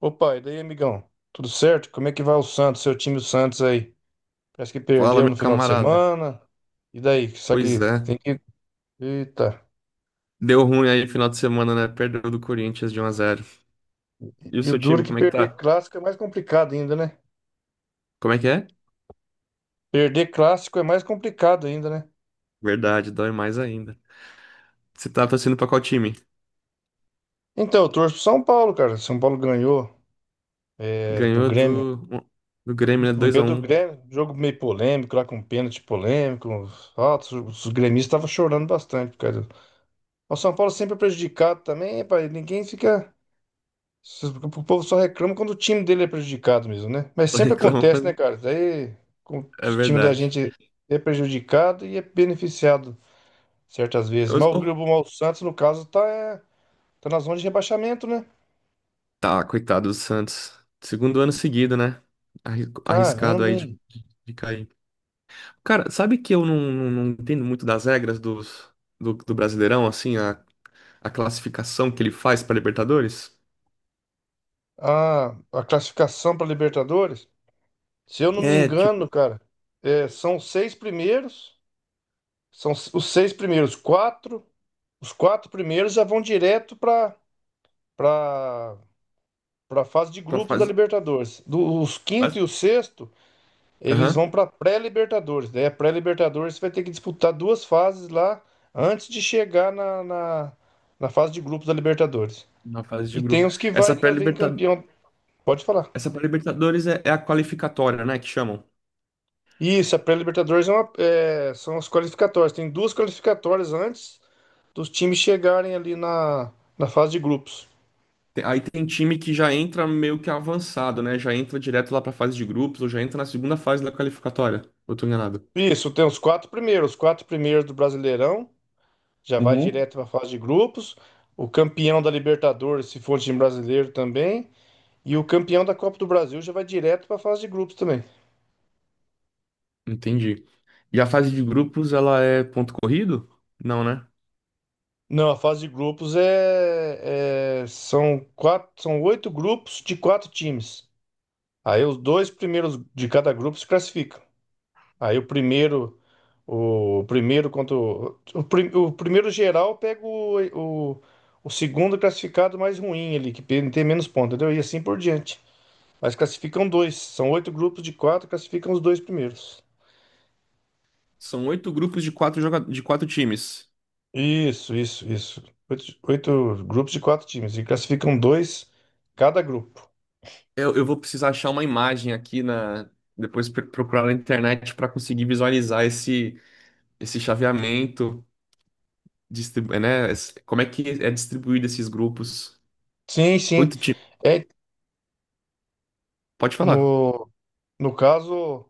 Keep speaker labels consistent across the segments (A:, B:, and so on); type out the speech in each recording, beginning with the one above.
A: Opa, e daí, amigão? Tudo certo? Como é que vai o Santos, seu time, o Santos aí? Parece que
B: Fala,
A: perdeu
B: meu
A: no final de
B: camarada.
A: semana. E daí? Só
B: Pois
A: que
B: é.
A: tem que. Eita.
B: Deu ruim aí no final de semana, né? Perdeu do Corinthians de um a zero. E o
A: E o
B: seu
A: duro é
B: time,
A: que
B: como é que
A: perder
B: tá?
A: clássico é mais complicado ainda, né?
B: Como é que é?
A: Perder clássico é mais complicado ainda, né?
B: Verdade, dói mais ainda. Você tá torcendo pra qual time?
A: Então, eu torço pro São Paulo, cara. São Paulo ganhou do
B: Ganhou
A: Grêmio.
B: do, do Grêmio, né?
A: Ganhou do
B: 2x1.
A: Grêmio. Jogo meio polêmico, lá com pênalti polêmico. Faltas. Os gremistas estavam chorando bastante, cara. O São Paulo sempre é prejudicado também, pai. Ninguém fica. O povo só reclama quando o time dele é prejudicado mesmo, né? Mas
B: Só
A: sempre
B: reclama
A: acontece, né,
B: quando.
A: cara? Daí o
B: É
A: time da
B: verdade.
A: gente é prejudicado e é beneficiado certas vezes. Mas o
B: Oh,
A: Grupo Mal o Santos, no caso, tá, tá na zona de rebaixamento, né?
B: Tá, coitado do Santos. Segundo ano seguido, né? Arriscado
A: Caramba,
B: aí
A: hein?
B: de cair. Cara, sabe que eu não entendo muito das regras dos, do Brasileirão, assim, a classificação que ele faz pra Libertadores?
A: A classificação para Libertadores, se eu não me
B: É, tipo,
A: engano, cara, são os seis primeiros, são os seis primeiros, quatro, os quatro primeiros já vão direto para a fase de
B: pra
A: grupos da
B: fase.
A: Libertadores. Os quinto
B: fase-
A: e o sexto, eles
B: Aham,
A: vão para pré-Libertadores. Daí a pré-Libertadores vai ter que disputar duas fases lá antes de chegar na fase de grupos da Libertadores.
B: na fase de
A: E tem
B: grupo.
A: os que vai também campeão. Pode falar.
B: Essa pré-Libertadores é, é a qualificatória, né? Que chamam.
A: Isso, a pré-Libertadores são as qualificatórias. Tem duas qualificatórias antes dos times chegarem ali na fase de grupos.
B: Aí tem time que já entra meio que avançado, né? Já entra direto lá pra fase de grupos, ou já entra na segunda fase da qualificatória. Ou eu tô enganado?
A: Isso, tem os quatro primeiros. Os quatro primeiros do Brasileirão já vai
B: Uhum.
A: direto para a fase de grupos. O campeão da Libertadores, se for time brasileiro também, e o campeão da Copa do Brasil já vai direto para a fase de grupos também.
B: Entendi. E a fase de grupos, ela é ponto corrido? Não, né?
A: Não, a fase de grupos são quatro, são oito grupos de quatro times. Aí os dois primeiros de cada grupo se classificam. Aí o primeiro contra o primeiro geral pega o, o segundo classificado mais ruim ali, que tem menos pontos, entendeu? E assim por diante. Mas classificam dois. São oito grupos de quatro, classificam os dois primeiros.
B: São oito grupos de quatro, joga... de quatro times.
A: Isso, isso, isso. Oito, oito grupos de quatro times. E classificam dois cada grupo.
B: Eu vou precisar achar uma imagem aqui na. Depois procurar na internet pra conseguir visualizar esse. Esse chaveamento, distribu né? Como é que é distribuído esses grupos?
A: Sim, sim.
B: Oito times.
A: É,
B: Pode falar.
A: no, no caso,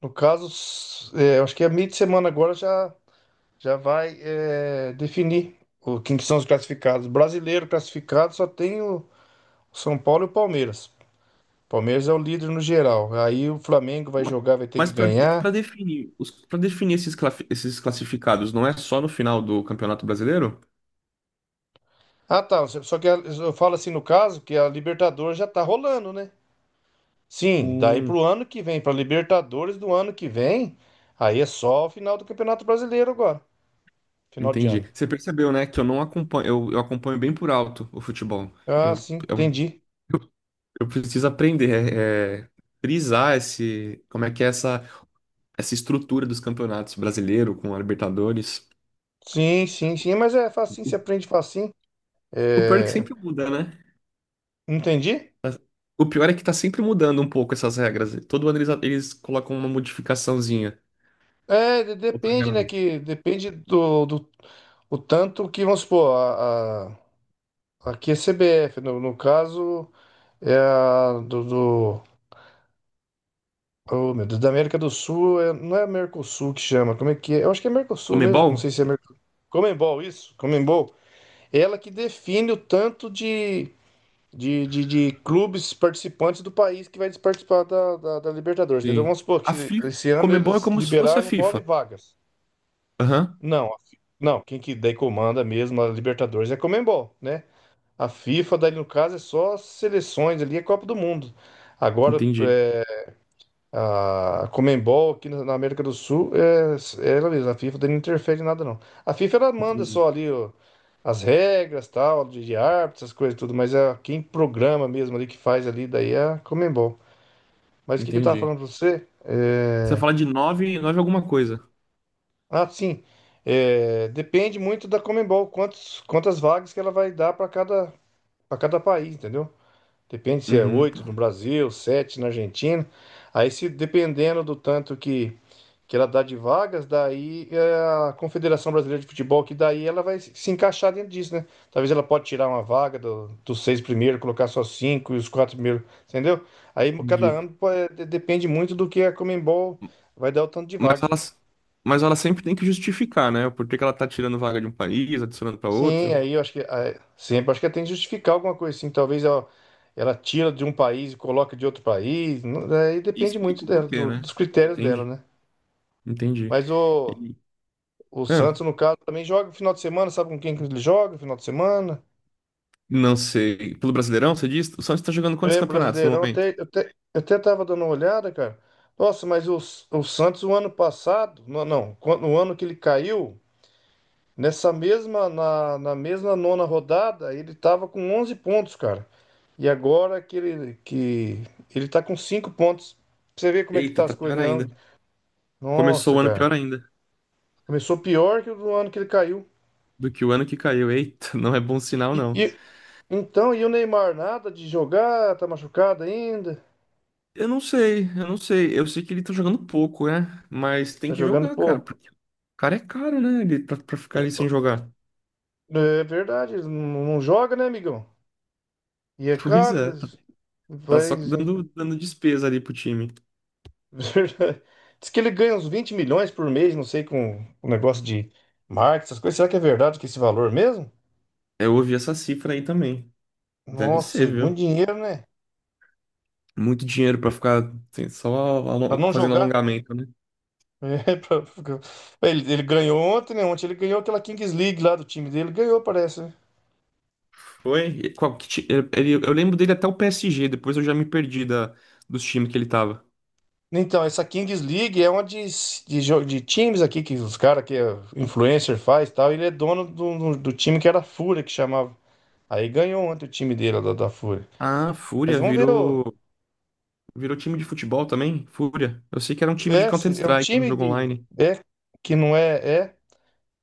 A: eu acho que a meio de semana agora já, já vai definir quem que são os classificados. Brasileiro classificado só tem o São Paulo e o Palmeiras. Palmeiras é o líder no geral. Aí o Flamengo vai
B: Ma-
A: jogar, vai ter que
B: Mas
A: ganhar.
B: para definir os, para definir esses, esses classificados, não é só no final do Campeonato Brasileiro?
A: Ah, tá. Só só que eu falo assim no caso que a Libertadores já tá rolando, né? Sim, daí
B: Hum,
A: pro ano que vem, pra Libertadores do ano que vem, aí é só o final do Campeonato Brasileiro agora, final de
B: entendi.
A: ano.
B: Você percebeu, né, que eu não acompanho, eu acompanho bem por alto o futebol.
A: Ah,
B: Eu,
A: sim, entendi.
B: eu, eu preciso aprender, frisar esse, como é que é essa, essa estrutura dos campeonatos brasileiro com a Libertadores.
A: Sim, sim, sim, mas é facinho, se
B: O,
A: aprende facinho.
B: o pior é que
A: É,
B: sempre muda, né?
A: entendi?
B: O pior é que tá sempre mudando um pouco essas regras. Todo ano eles colocam uma modificaçãozinha.
A: É,
B: Eu tô
A: depende, né,
B: enganado.
A: que depende do o tanto que, vamos supor, a, aqui é CBF, no caso é a do Oh, meu Deus, da América do Sul, não é Mercosul que chama, como é que é? Eu acho que é Mercosul mesmo, que
B: Comebol?
A: não sei se é Mercosul. Comembol, isso, Comembol. Ela que define o tanto de clubes participantes do país que vai participar da Libertadores, entendeu?
B: Sim.
A: Vamos supor
B: A
A: que
B: FIFA,
A: esse ano
B: Comebol é
A: eles
B: como se fosse a
A: liberaram nove
B: FIFA.
A: vagas.
B: Aham.
A: Não, não, quem que daí comanda mesmo a Libertadores é a Comembol, né? A FIFA, daí no caso, é só as seleções ali, é Copa do Mundo. Agora,
B: Entendi.
A: a Comembol aqui na na América do Sul é, é ela mesma, a FIFA daí não interfere em nada não. A FIFA ela manda
B: Entendi.
A: só ali ó, as regras, tal, de árbitros, essas coisas tudo, mas é quem programa mesmo ali que faz ali daí é a Comembol. Mas o que que eu tava
B: Entendi.
A: falando pra você?
B: Você
A: É,
B: fala de nove alguma coisa.
A: ah, sim. Depende muito da Comembol, quantas vagas que ela vai dar para cada país, entendeu? Depende se é
B: Uhum.
A: oito no Brasil, sete na Argentina. Aí, se dependendo do tanto que ela dá de vagas, daí é, a Confederação Brasileira de Futebol, que daí ela vai se encaixar dentro disso, né? Talvez ela pode tirar uma vaga dos seis primeiros, colocar só cinco e os quatro primeiros, entendeu? Aí cada
B: Entendi.
A: ano pô, é, depende muito do que a Comembol vai dar o tanto de
B: Mas
A: vaga.
B: ela, mas ela sempre tem que justificar, né? Por que que ela tá tirando vaga de um país, adicionando pra
A: Sim,
B: outro.
A: aí eu acho que ah, sempre acho que tem que justificar alguma coisa assim. Talvez ela tira de um país e coloca de outro país. Não- aí
B: E
A: depende
B: explica
A: muito
B: o
A: dela,
B: porquê, né?
A: dos critérios dela,
B: Entendi.
A: né?
B: Entendi.
A: Mas
B: E-
A: o
B: ah,
A: Santos, no caso, também joga no final de semana, sabe com quem que ele joga no final de semana?
B: não sei. Pelo Brasileirão, você diz? O Santos tá jogando quantos
A: É,
B: campeonatos no
A: Brasileirão,
B: momento?
A: até, eu até tava dando uma olhada, cara. Nossa, mas o Santos, o ano passado, não, não, quando- no ano que ele caiu. Nessa mesma, na mesma nona rodada, ele estava com 11 pontos, cara. E agora que ele tá com 5 pontos. Pra Você vê como é que
B: Eita,
A: tá as
B: tá
A: coisas,
B: pior
A: né?
B: ainda. Começou
A: Nossa,
B: o ano
A: cara.
B: pior ainda
A: Começou pior que o do ano que ele caiu.
B: do que o ano que caiu. Eita, não é bom
A: E,
B: sinal,
A: e-
B: não.
A: e- então, e o Neymar, nada de jogar, tá machucado ainda,
B: Eu não sei. Eu sei que ele tá jogando pouco, né? Mas tem
A: tá
B: que
A: jogando
B: jogar, cara.
A: pouco.
B: Porque o cara é caro, né? Ele, pra ficar ali sem jogar.
A: É verdade, ele não joga, né, amigão? E é
B: Pois
A: caro,
B: é, tá, tá só
A: vai,
B: dando, dando despesa ali pro time.
A: Verdade. Diz que ele ganha uns 20 milhões por mês, não sei, com o negócio de marketing, essas coisas. Será que é verdade que esse valor mesmo?
B: Eu ouvi essa cifra aí também. Deve
A: Nossa,
B: ser,
A: é muito
B: viu?
A: dinheiro, né?
B: Muito dinheiro pra ficar assim,
A: Pra não
B: fazendo
A: jogar.
B: alongamento, né?
A: É, pra- pra- ele ganhou ontem, né? Ontem ele ganhou aquela Kings League lá do time dele. Ganhou, parece, né?
B: Foi? E qual, ele, eu lembro dele até o PSG, depois eu já me perdi da, dos times que ele tava.
A: Então, essa Kings League é uma de times aqui que os caras que é influencer faz e tal. Ele é dono do time que era a Fúria, que chamava. Aí ganhou ontem o time dele lá da Fúria.
B: Ah,
A: Mas
B: Fúria
A: vamos ver.
B: virou virou time de futebol também? Fúria. Eu sei que era um time de
A: É, é um
B: Counter-Strike, um
A: time
B: jogo
A: de.
B: online.
A: É, que não é. É. O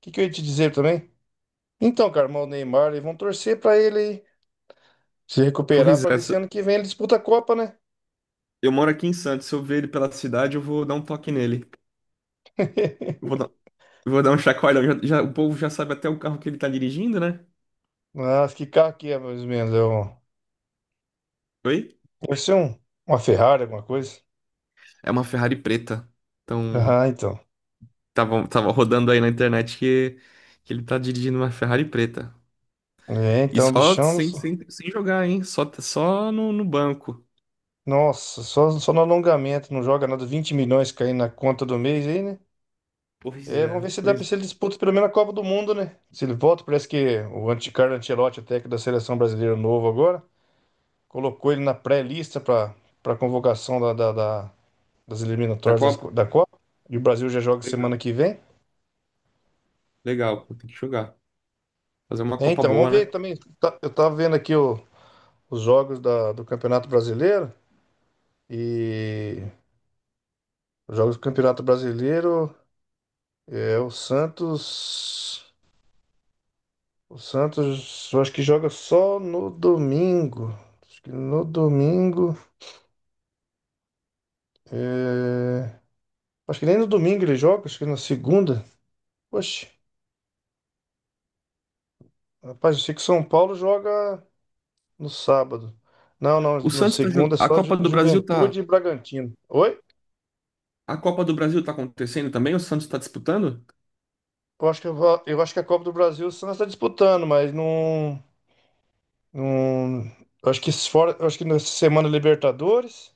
A: que, que eu ia te dizer também? Então, cara, mas o Neymar, eles vão torcer pra ele aí se recuperar
B: Pois
A: pra
B: é,
A: ver se ano que vem ele disputa a Copa, né?
B: eu moro aqui em Santos. Se eu ver ele pela cidade, eu vou dar um toque nele. Eu vou dar, eu vou dar um chacoalhão. O povo já sabe até o carro que ele tá dirigindo, né?
A: Mas que carro que é, mais ou menos?
B: Oi?
A: Deve ser uma Ferrari, alguma coisa.
B: É uma Ferrari preta. Então,
A: Ah, então.
B: tava, tava rodando aí na internet que ele tá dirigindo uma Ferrari preta.
A: É,
B: E
A: então, o
B: só
A: bichão.
B: sem jogar, hein? Só, só no, no banco.
A: Nossa, só, só no alongamento, não joga nada. 20 milhões caindo na conta do mês aí, né?
B: Pois
A: É, vamos
B: é,
A: ver se dá pra
B: pois é.
A: se ele disputa pelo menos a Copa do Mundo, né? Se ele volta, parece que o Carlo Ancelotti, o técnico da seleção brasileira novo agora. Colocou ele na pré-lista para convocação das
B: Da
A: eliminatórias das
B: Copa?
A: da Copa. E o Brasil já joga
B: Legal.
A: semana que vem.
B: Legal, pô, tem que jogar. Fazer uma
A: É,
B: Copa
A: então, vamos
B: boa,
A: ver
B: né?
A: também. Eu tava vendo aqui os jogos do Campeonato Brasileiro. E os jogos do Campeonato Brasileiro é o Santos. O Santos eu acho que joga só no domingo. Acho que no domingo. é, Acho que nem no domingo ele joga, acho que na segunda. Poxa, rapaz, eu sei que o São Paulo joga no sábado. Não, não,
B: O
A: no
B: Santos tá
A: segundo
B: jogando.
A: é
B: A
A: só
B: Copa do Brasil tá.
A: Juventude e Bragantino. Oi?
B: A Copa do Brasil tá acontecendo também? O Santos tá disputando?
A: Eu acho que, eu acho que a Copa do Brasil o Santos está disputando, mas não, não. Eu acho que fora, eu acho que nessa semana é Libertadores.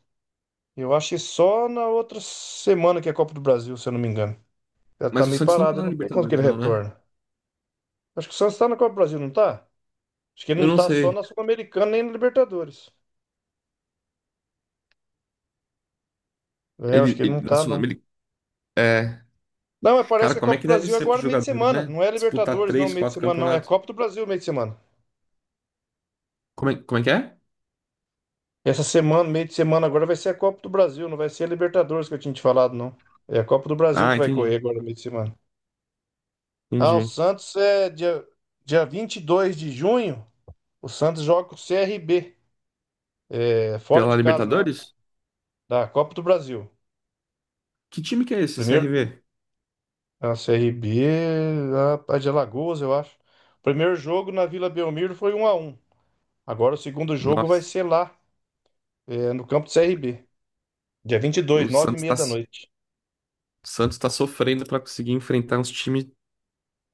A: Eu acho que só na outra semana que é a Copa do Brasil, se eu não me engano. Ela tá
B: Mas o
A: meio
B: Santos não tá
A: parada, eu
B: na
A: não sei quando que
B: Libertadores,
A: ele
B: não, né?
A: retorna. Acho que o Santos tá na Copa do Brasil, não tá? Acho que ele
B: Eu
A: não
B: não
A: tá só
B: sei.
A: na Sul-Americana nem na Libertadores. É, eu acho
B: Ele,
A: que ele
B: ele
A: não
B: na
A: tá, não.
B: Sul-Americana. É.
A: Não, mas parece
B: Cara,
A: que a
B: como é
A: Copa do
B: que deve
A: Brasil é
B: ser pros
A: agora meio de
B: jogadores,
A: semana.
B: né?
A: Não é
B: Disputar
A: Libertadores, não,
B: três,
A: meio de
B: quatro
A: semana, não. É a
B: campeonatos.
A: Copa do Brasil meio de semana.
B: Como é que é?
A: Essa semana, meio de semana, agora vai ser a Copa do Brasil, não vai ser a Libertadores que eu tinha te falado, não. É a Copa do Brasil
B: Ah,
A: que vai correr
B: entendi.
A: agora meio de semana. Ah, o
B: Entendi.
A: Santos é dia 22 de junho. O Santos joga com o CRB, é, fora
B: Pela
A: de casa, na,
B: Libertadores?
A: da Copa do Brasil.
B: Que time que é esse?
A: Primeiro,
B: CRV?
A: a CRB, a de Alagoas, eu acho. Primeiro jogo na Vila Belmiro foi 1 a 1. Agora o segundo jogo vai
B: Nossa.
A: ser lá. É, no campo do CRB dia 22 nove e meia
B: O
A: da noite.
B: Santos tá sofrendo pra conseguir enfrentar uns times,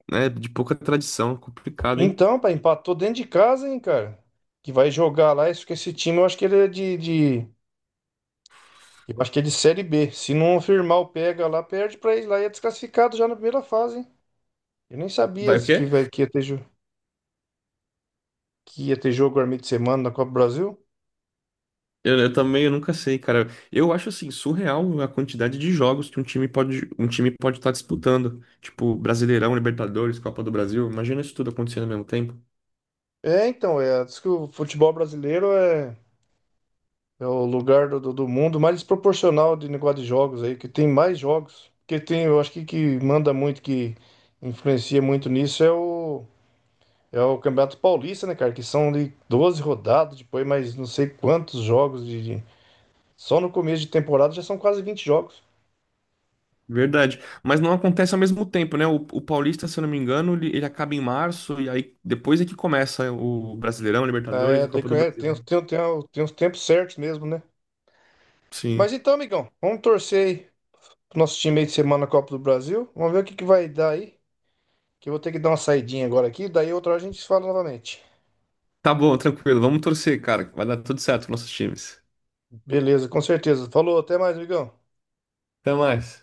B: né, de pouca tradição. Complicado, hein?
A: Então, pai, empatou dentro de casa, hein, cara? Que vai jogar lá. Isso que esse time, eu acho que ele é eu acho que é de Série B. Se não firmar o pega lá, perde pra ele lá e é desclassificado já na primeira fase, hein? Eu nem sabia
B: Vai o
A: esse
B: quê?
A: que ia ter jogo no meio de semana na Copa do Brasil.
B: Eu também, eu nunca sei, cara. Eu acho assim surreal a quantidade de jogos que um time pode estar disputando, tipo Brasileirão, Libertadores, Copa do Brasil. Imagina isso tudo acontecendo ao mesmo tempo.
A: É, então, é, diz que o futebol brasileiro é. É o lugar do mundo mais desproporcional de negócio de jogos aí, que tem mais jogos. Que tem, eu acho que manda muito, que influencia muito nisso é é o Campeonato Paulista, né, cara? Que são de 12 rodadas, depois mais não sei quantos jogos Só no começo de temporada já são quase 20 jogos.
B: Verdade. Mas não acontece ao mesmo tempo, né? O Paulista, se eu não me engano, ele acaba em março e aí depois é que começa o Brasileirão, Libertadores
A: É,
B: e
A: daí
B: Copa
A: que
B: do Brasil.
A: tem uns tempos certos mesmo, né? Mas
B: Sim.
A: então, amigão, vamos torcer aí pro nosso time aí de semana na Copa do Brasil. Vamos ver o que, que vai dar aí. Que eu vou ter que dar uma saidinha agora aqui, daí outra hora a gente se fala novamente.
B: Tá bom, tranquilo. Vamos torcer, cara. Vai dar tudo certo com nossos times.
A: Beleza, com certeza. Falou, até mais, amigão.
B: Até mais.